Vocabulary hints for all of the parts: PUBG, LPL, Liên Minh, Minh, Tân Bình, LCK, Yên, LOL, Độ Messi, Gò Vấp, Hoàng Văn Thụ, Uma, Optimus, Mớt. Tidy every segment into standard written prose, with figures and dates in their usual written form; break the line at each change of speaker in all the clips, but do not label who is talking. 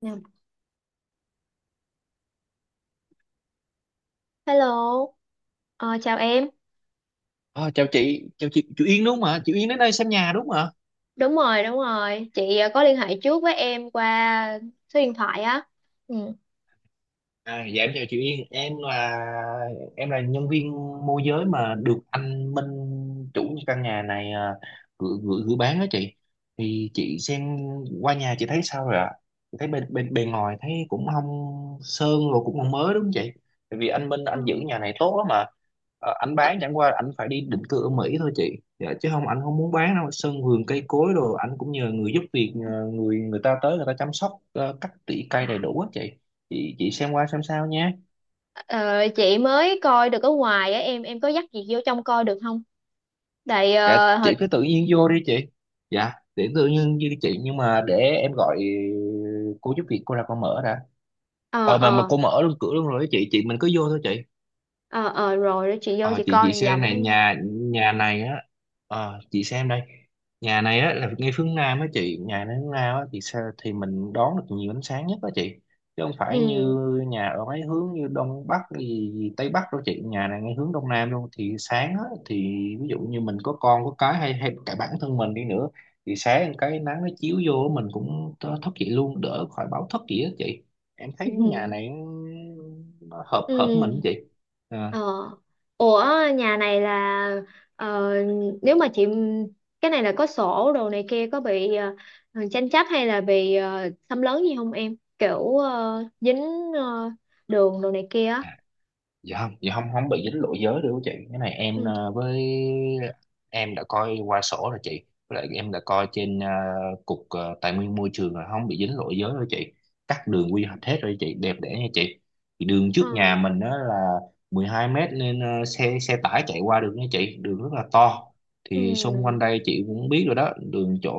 Dạ. Hello. Ờ, Chào em.
À, chào chị, chị Yên đúng không ạ? Chị Yên đến đây xem nhà đúng không?
Đúng rồi, đúng rồi. Chị có liên hệ trước với em qua số điện thoại á. Ừ.
À, dạ em chào chị Yên, em là nhân viên môi giới mà được anh Minh chủ căn nhà này à, gửi gửi gửi bán đó chị. Thì chị xem qua nhà chị thấy sao rồi ạ? Chị thấy bên bên bề ngoài thấy cũng không sơn rồi cũng không mới đúng không chị, tại vì anh Minh
Ờ.
anh giữ nhà này tốt lắm mà. Ờ, anh
Ờ,
bán chẳng qua anh phải đi định cư ở Mỹ thôi chị, dạ, chứ không anh không muốn bán đâu. Sân vườn cây cối đồ anh cũng nhờ người giúp việc, nhờ người người ta tới người ta chăm sóc, cắt tỉa
À,
cây đầy đủ á chị. Chị xem qua xem sao nhé.
ờ, chị mới coi được ở ngoài á em có dắt chị vô trong coi được không? Tại
Dạ
ờ hồi-
chị cứ tự nhiên vô đi chị. Dạ để tự nhiên như chị, nhưng mà để em gọi cô giúp việc cô ra cô mở đã.
ờ
Ờ mà
ờ
cô mở luôn cửa luôn rồi đó chị, mình cứ vô thôi chị.
ờ ờ, Rồi đó chị vô
Ờ,
chị
chị
coi vòng
xem
vòng cái
này,
nha.
nhà nhà này á, ờ, chị xem đây. Nhà này á là ngay phương Nam á chị, nhà này hướng Nam á thì sao, thì mình đón được nhiều ánh sáng nhất á chị, chứ không phải
Ừ.
như nhà ở mấy hướng như Đông Bắc gì, Tây Bắc đâu chị. Nhà này ngay hướng Đông Nam luôn thì sáng á, thì ví dụ như mình có con có cái, hay hay cả bản thân mình đi nữa thì sáng cái nắng nó chiếu vô mình cũng thức dậy luôn, đỡ khỏi báo thức gì á chị. Em thấy nhà này nó hợp
Ừ.
hợp mình á chị. Ờ.
Ờ. Ủa, nhà này là, ờ, nếu mà chị, cái này là có sổ đồ này kia, có bị tranh chấp hay là bị xâm lấn gì không em? Kiểu dính ờ, đường đồ này kia á.
À, dạ không, không bị dính lỗi giới đâu chị. Cái này em
Ừ.
với em đã coi qua sổ rồi chị, với lại em đã coi trên cục tài nguyên môi trường rồi, không bị dính lỗi giới đâu chị, cắt đường quy hoạch hết rồi chị, đẹp đẽ nha chị. Thì đường trước
Ờ.
nhà mình đó là 12 mét nên xe xe tải chạy qua được nha chị, đường rất là to. Thì xung quanh
Ừ.
đây chị cũng biết rồi đó,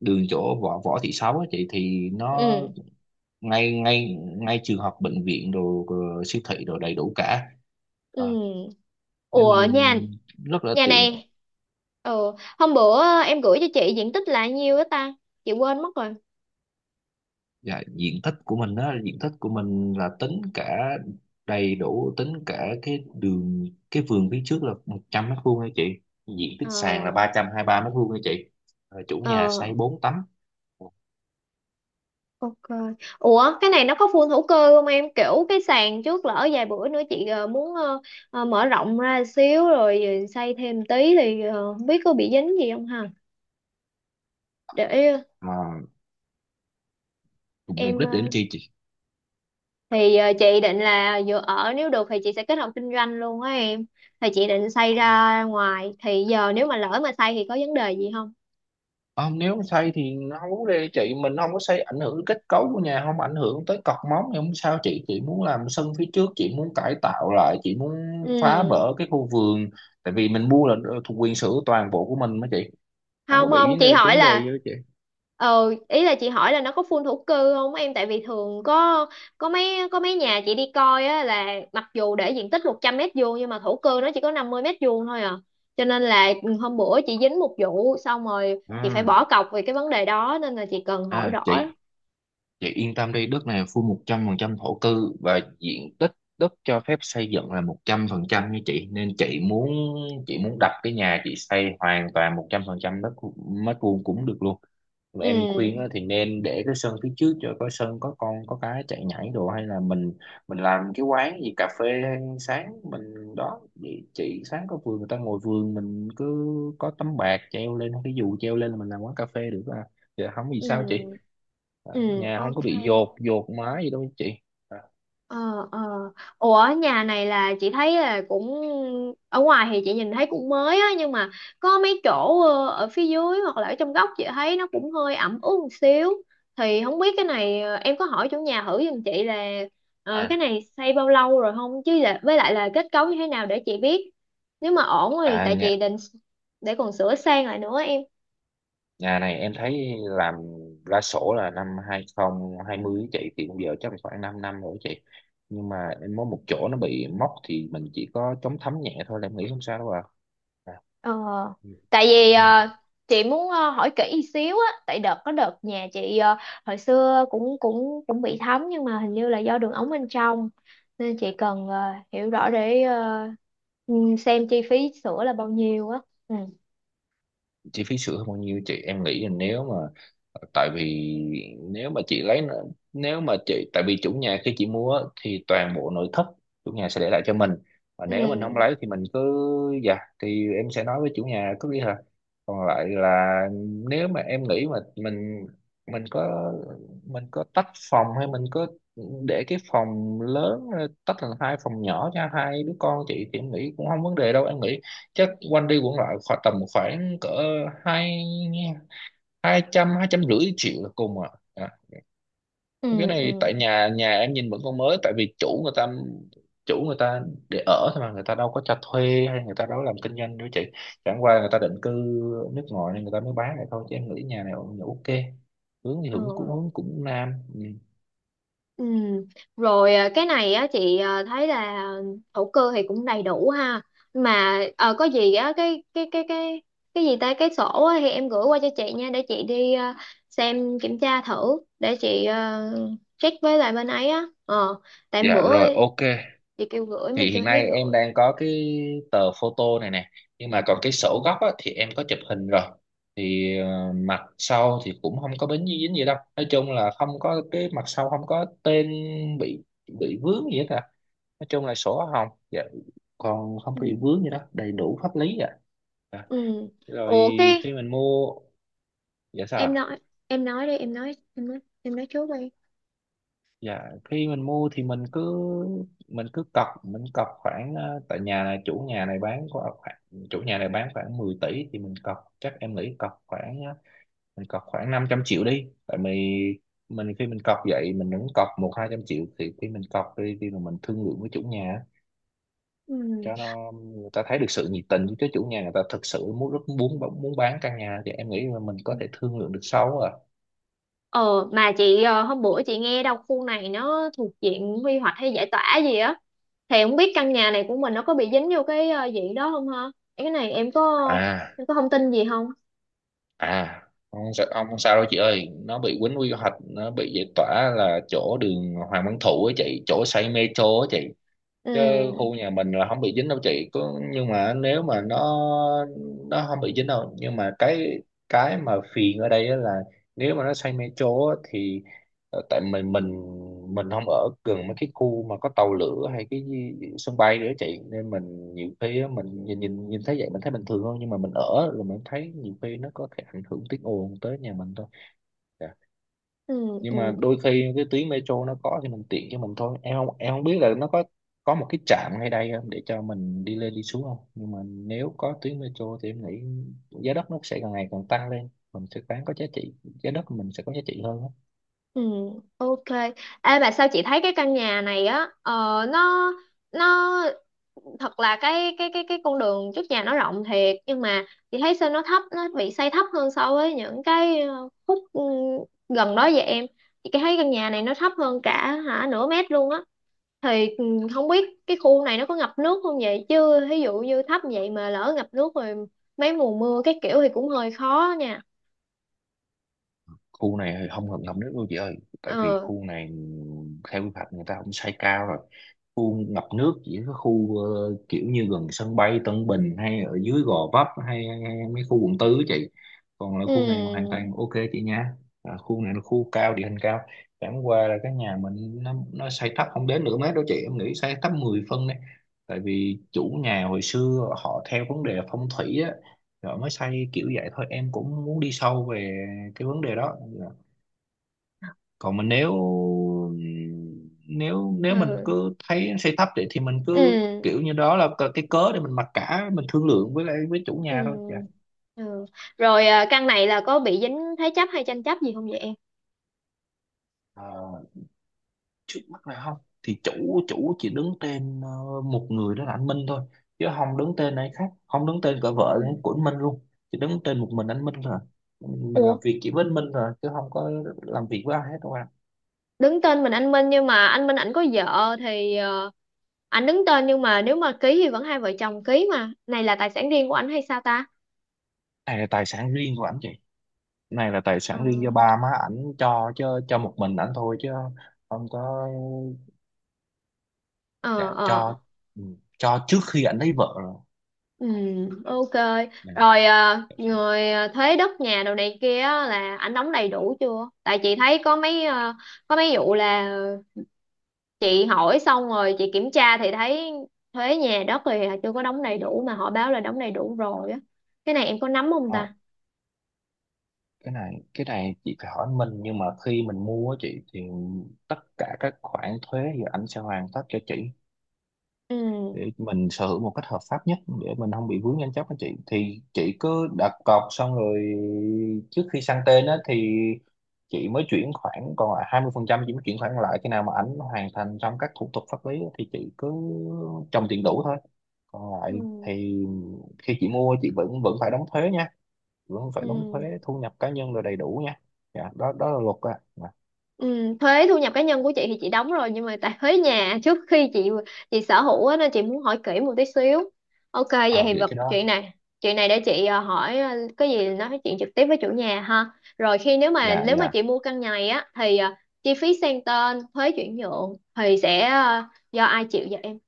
đường chỗ võ Võ Thị Sáu á chị thì nó
Ừ.
ngay ngay ngay trường học, bệnh viện đồ rồi, siêu thị đồ đầy đủ cả. Ờ,
Ừ.
nên
Ủa, nhà
mình rất là
nhà
tiện.
này ừ. Hôm bữa em gửi cho chị diện tích là nhiêu đó ta? Chị quên mất rồi.
Dạ, diện tích của mình là tính cả đầy đủ, tính cả cái đường, cái vườn phía trước là 100 mét vuông nha chị. Diện tích
Ờ.
sàn là 323 mét vuông nha chị. Ờ, chủ nhà
Ờ.
xây 4 tấm
Ok. Ủa, cái này nó có phun hữu cơ không em? Kiểu cái sàn trước lỡ vài bữa nữa chị muốn mở rộng ra xíu rồi xây thêm tí thì không biết có bị dính gì không ha? Để ờ,
mà mục
em
đích để
ờ,
làm chi
thì ờ, Chị định là vừa ở, nếu được thì chị sẽ kết hợp kinh doanh luôn á em. Thì chị định xây
chị?
ra ngoài, thì giờ nếu mà lỡ mà xây thì có vấn đề gì không?
Không, nếu mà xây thì nó không vấn đề chị, mình không có xây ảnh hưởng đến kết cấu của nhà, không ảnh hưởng tới cọc móng thì không sao chị. Chị muốn làm sân phía trước, chị muốn cải tạo lại, chị muốn phá
Ừ.
bỡ cái khu vườn, tại vì mình mua là thuộc quyền sở hữu toàn bộ của mình mà chị, không có
Không không,
bị
chị hỏi
vấn đề gì
là,
đó chị.
ý là chị hỏi là nó có phun thổ cư không em, tại vì thường có có mấy nhà chị đi coi á là mặc dù để diện tích 100 mét vuông nhưng mà thổ cư nó chỉ có 50 mét vuông thôi à, cho nên là hôm bữa chị dính một vụ xong rồi chị phải
À,
bỏ cọc về cái vấn đề đó, nên là chị cần hỏi
à
rõ.
chị. Chị yên tâm đi, đất này full 100% thổ cư và diện tích đất cho phép xây dựng là 100% như chị, nên chị muốn đặt cái nhà chị xây hoàn toàn 100% đất mét vuông cũng được luôn. Mà em khuyên á
Ừ
thì nên để cái sân phía trước cho có sân có con có cái chạy nhảy đồ, hay là mình làm cái quán gì cà phê sáng mình đó vậy chị. Sáng có vườn người ta ngồi vườn, mình cứ có tấm bạt treo lên, cái dù treo lên là mình làm quán cà phê được à. Thì không vì sao chị?
ừ ừ,
Nhà không có
ok.
bị dột dột mái gì đâu chị. À,
Ờ ờ, ủa nhà này là chị thấy là cũng, ở ngoài thì chị nhìn thấy cũng mới á, nhưng mà có mấy chỗ ở phía dưới hoặc là ở trong góc chị thấy nó cũng hơi ẩm ướt một xíu, thì không biết cái này em có hỏi chủ nhà thử giùm chị là cái
à
này xây bao lâu rồi không, chứ là, với lại là kết cấu như thế nào để chị biết, nếu mà ổn thì
à,
tại
nhà
chị định để còn sửa sang lại nữa em.
nhà này em thấy làm ra sổ là năm 2020 á chị, thì bây giờ chắc là khoảng 5 năm rồi chị. Nhưng mà em có một chỗ nó bị móc thì mình chỉ có chống thấm nhẹ thôi, là em nghĩ không sao đâu à, à.
Ờ, tại vì
Ừ.
chị muốn hỏi kỹ xíu á, tại đợt có đợt nhà chị hồi xưa cũng cũng cũng bị thấm nhưng mà hình như là do đường ống bên trong, nên chị cần hiểu rõ để ừ, xem chi phí sữa là bao nhiêu á. Ừ.
Chi phí sửa hơn bao nhiêu chị, em nghĩ là nếu mà tại vì nếu mà chị lấy, nếu mà chị, tại vì chủ nhà khi chị mua á, thì toàn bộ nội thất chủ nhà sẽ để lại cho mình, và nếu mình không
Ừ
lấy thì mình cứ, dạ, thì em sẽ nói với chủ nhà cứ đi hả. Còn lại là nếu mà em nghĩ mà mình có, mình có tách phòng hay mình có để cái phòng lớn ra, tách thành hai phòng nhỏ cho hai đứa con chị, thì em nghĩ cũng không vấn đề đâu. Em nghĩ chắc quanh đi quẩn lại khoảng tầm khoảng cỡ hai hai trăm rưỡi triệu là cùng à. À cái
ừ ừ
này tại nhà nhà em nhìn vẫn còn mới, tại vì chủ người ta để ở thôi mà, người ta đâu có cho thuê hay người ta đâu có làm kinh doanh đâu chị, chẳng qua người ta định cư ở nước ngoài nên người ta mới bán lại thôi, chứ em nghĩ nhà này cũng ok. Hướng thì cũng cũng
ừ.
cũng nam, ừ.
Ừ. Rồi, à, cái này á chị à, thấy là thổ cư thì cũng đầy đủ ha, mà có gì á, cái gì ta cái sổ á, thì em gửi qua cho chị nha để chị đi, à, xem kiểm tra thử để chị, à, check với lại bên ấy á. ờ tại
Dạ
bữa
rồi, ok,
chị kêu gửi mà
thì
chưa
hiện
thấy
nay em
gửi.
đang có cái tờ photo này nè, nhưng mà còn cái sổ gốc á, thì em có chụp hình rồi. Thì ờ, mặt sau thì cũng không có bến dính gì đâu, nói chung là không có. Cái mặt sau không có tên bị bị vướng gì hết à, nói chung là sổ hồng dạ. Còn không
Ừ.
bị vướng gì đó, đầy đủ pháp lý ạ à. Dạ,
Ừ,
rồi
ủa cái,
khi mình mua, dạ sao
em
ạ?
nói, em nói đi em nói em nói em nói trước đi.
Dạ, khi mình mua thì mình cứ cọc, mình cọc khoảng ờ, tại nhà này chủ nhà này bán có khoảng, chủ nhà này bán khoảng 10 tỷ, thì mình cọc chắc em nghĩ cọc khoảng ờ, mình cọc khoảng 500 triệu đi. Tại mình khi mình cọc vậy mình vẫn cọc một hai trăm triệu, thì khi mình cọc đi thì mình thương lượng với chủ nhà
Ừ.
cho nó, người ta thấy được sự nhiệt tình. Chứ chủ nhà người ta thực sự muốn, rất muốn, bán căn nhà thì em nghĩ là mình có thể thương lượng được sau à.
Ờ mà chị, hôm bữa chị nghe đâu khu này nó thuộc diện quy hoạch hay giải tỏa gì á, thì không biết căn nhà này của mình nó có bị dính vô cái diện đó không ha? Cái này em có,
À
em có thông tin gì không?
à không sao, ông không sao đâu chị ơi. Nó bị quýnh quy hoạch, nó bị giải tỏa là chỗ đường Hoàng Văn Thụ á chị, chỗ xây metro á chị. Chứ
Ừ
khu nhà mình là không bị dính đâu chị. Có nhưng mà nếu mà nó không bị dính đâu, nhưng mà cái mà phiền ở đây á là nếu mà nó xây metro á thì tại mình không ở gần mấy cái khu mà có tàu lửa hay cái gì- sân bay nữa chị, nên mình nhiều khi á, mình nhìn nhìn nhìn thấy vậy mình thấy bình thường hơn, nhưng mà mình ở rồi mình thấy nhiều khi nó có thể ảnh hưởng tiếng ồn tới nhà mình thôi. Dạ.
ừ
Nhưng
ừ
mà đôi khi cái tuyến metro nó có thì mình tiện cho mình thôi. Em không biết là nó có một cái trạm ngay đây không để cho mình đi lên đi xuống không, nhưng mà nếu có tuyến metro thì em nghĩ giá đất nó sẽ càng ngày càng tăng lên, mình sẽ bán có giá trị, giá đất của mình sẽ có giá trị hơn á.
ừ, ok. Ê mà sao chị thấy cái căn nhà này á, ờ, nó nó thật là cái con đường trước nhà nó rộng thiệt nhưng mà chị thấy sao nó thấp, nó bị xây thấp hơn so với những cái khúc gần đó vậy em. Chị thấy căn nhà này nó thấp hơn cả hả nửa mét luôn á, thì không biết cái khu này nó có ngập nước không vậy, chứ ví dụ như thấp vậy mà lỡ ngập nước rồi mấy mùa mưa cái kiểu thì cũng hơi khó nha.
Khu này thì không hợp lòng nước đâu chị ơi, tại vì
Ờ
khu này theo quy hoạch người ta cũng xây cao rồi. Khu ngập nước chỉ có khu kiểu như gần sân bay Tân Bình, hay ở dưới Gò Vấp hay, hay mấy khu quận tư á chị. Còn là khu này hoàn
ừ
toàn ok chị nha. À, khu này là khu cao, địa hình cao, chẳng qua là cái nhà mình nó xây thấp, không đến nửa mét đâu chị, em nghĩ xây thấp 10 phân đấy. Tại vì chủ nhà hồi xưa họ theo vấn đề phong thủy á, rồi mới xây kiểu vậy thôi. Em cũng muốn đi sâu về cái vấn đề đó dạ. Còn mình nếu nếu nếu mình
ừ
cứ thấy xây thấp thì mình cứ
ừ
kiểu như đó là cái cớ để mình mặc cả, mình thương lượng với lại với chủ
ừ
nhà thôi dạ.
ừ. Rồi, à, căn này là có bị dính thế chấp hay tranh chấp gì không vậy em?
Ờ, trước mắt này không, thì chủ chủ chỉ đứng tên một người đó là anh Minh thôi, chứ không đứng tên ai khác, không đứng tên cả
Ừ.
vợ của anh Minh luôn. Chỉ đứng tên một mình anh Minh rồi, mình làm
Ủa,
việc chỉ với anh Minh rồi, chứ không có làm việc với ai hết đâu ạ.
đứng tên mình anh Minh nhưng mà anh Minh ảnh có vợ thì ảnh đứng tên nhưng mà nếu mà ký thì vẫn hai vợ chồng ký mà, này là tài sản riêng của ảnh hay sao ta?
Này là tài sản riêng của anh chị, này là tài
Ờ
sản riêng do ba má ảnh cho, chứ cho một mình ảnh thôi chứ không có.
ờ
Dạ
ờ,
cho, ừ, cho trước khi ảnh lấy vợ rồi.
ừ, ok.
Dạ.
Rồi người, thuế đất nhà đồ này kia á, là ảnh đóng đầy đủ chưa, tại chị thấy có mấy có mấy vụ là chị hỏi xong rồi chị kiểm tra thì thấy thuế nhà đất thì chưa có đóng đầy đủ mà họ báo là đóng đầy đủ rồi á, cái này em có nắm không
Ờ,
ta?
cái này chị phải hỏi mình. Nhưng mà khi mình mua á chị thì tất cả các khoản thuế thì ảnh sẽ hoàn tất cho chị,
Ừ
để mình sở hữu một cách hợp pháp nhất, để mình không bị vướng tranh chấp anh chị. Thì chị cứ đặt cọc xong rồi, trước khi sang tên á thì chị mới chuyển khoản còn lại 20%, chị mới chuyển khoản lại khi nào mà ảnh hoàn thành xong các thủ tục pháp lý á, thì chị cứ trồng tiền đủ thôi. Còn lại
ừ
thì khi chị mua chị vẫn vẫn phải đóng thuế nha, vẫn phải đóng thuế
ừ.
thu nhập cá nhân rồi đầy đủ nha, dạ đó đó là luật á à,
Ừ, thuế thu nhập cá nhân của chị thì chị đóng rồi nhưng mà tại thuế nhà trước khi chị sở hữu á, nên chị muốn hỏi kỹ một tí xíu. Ok vậy
à
thì
vậy
vật
cái đó
chuyện này, chuyện này để chị hỏi, cái gì, nói chuyện trực tiếp với chủ nhà ha. Rồi khi nếu mà,
dạ
nếu mà
dạ.
chị mua căn nhà này á thì chi phí sang tên thuế chuyển nhượng thì sẽ do ai chịu vậy em?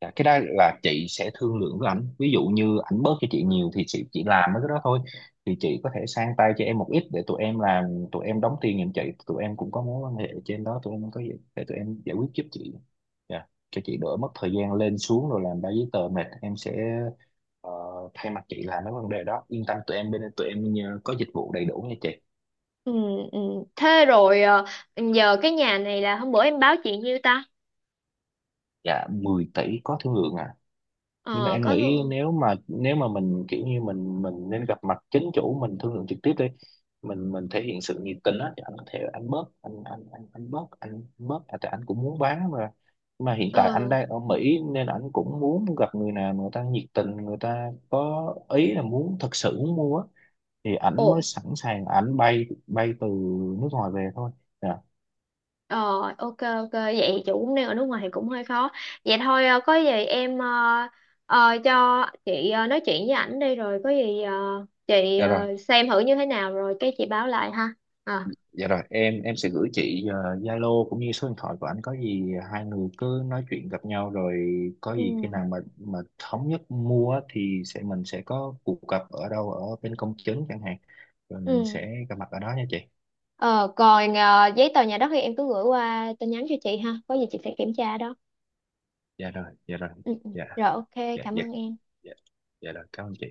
Dạ, cái đó là chị sẽ thương lượng với ảnh. Ví dụ như ảnh bớt cho chị nhiều thì chị chỉ làm mấy cái đó thôi, thì chị có thể sang tay cho em một ít để tụi em làm, tụi em đóng tiền giùm chị. Tụi em cũng có mối quan hệ trên đó, tụi em có gì để tụi em giải quyết giúp chị. Dạ, cho chị đỡ mất thời gian lên xuống rồi làm ba giấy tờ mệt, em sẽ ờ, thay mặt chị làm mấy vấn đề đó. Yên tâm, tụi em bên tụi em có dịch vụ đầy đủ nha chị.
Ừ, ừ. Thế rồi giờ cái nhà này là hôm bữa em báo chị nhiêu ta?
Dạ 10 tỷ có thương lượng à. Nhưng mà
Ờ
em
có
nghĩ
thường.
nếu mà mình kiểu như mình nên gặp mặt chính chủ, mình thương lượng trực tiếp đi. Mình thể hiện sự nhiệt tình á, thì anh có thể anh bớt, anh bớt à, tại anh cũng muốn bán mà. Nhưng mà hiện tại anh
Ừ.
đang ở Mỹ nên anh cũng muốn gặp người nào người ta nhiệt tình, người ta có ý là muốn, thật sự muốn mua á, thì ảnh mới
Ồ,
sẵn sàng ảnh bay bay từ nước ngoài về thôi. Dạ.
ờ, ok ok, vậy chị cũng đang ở nước ngoài thì cũng hơi khó. Vậy thôi có gì em, cho chị nói chuyện với ảnh đi, rồi có gì chị
Dạ rồi.
xem thử như thế nào rồi cái chị báo lại ha. Ờ.
Dạ rồi, em sẽ gửi chị ờ, Zalo cũng như số điện thoại của anh, có gì hai người cứ nói chuyện gặp nhau rồi, có
Ừ.
gì khi nào mà thống nhất mua á thì sẽ sẽ có cuộc gặp ở đâu, ở bên công chứng chẳng hạn, rồi mình
Ừ.
sẽ gặp mặt ở đó nha chị.
Ờ, còn giấy tờ nhà đất thì em cứ gửi qua tin nhắn cho chị ha. Có gì chị sẽ kiểm tra đó.
Dạ rồi,
Ừ. Ừ.
Dạ
Rồi ok,
dạ
cảm
dạ
ơn em.
Dạ, dạ rồi, cảm ơn chị.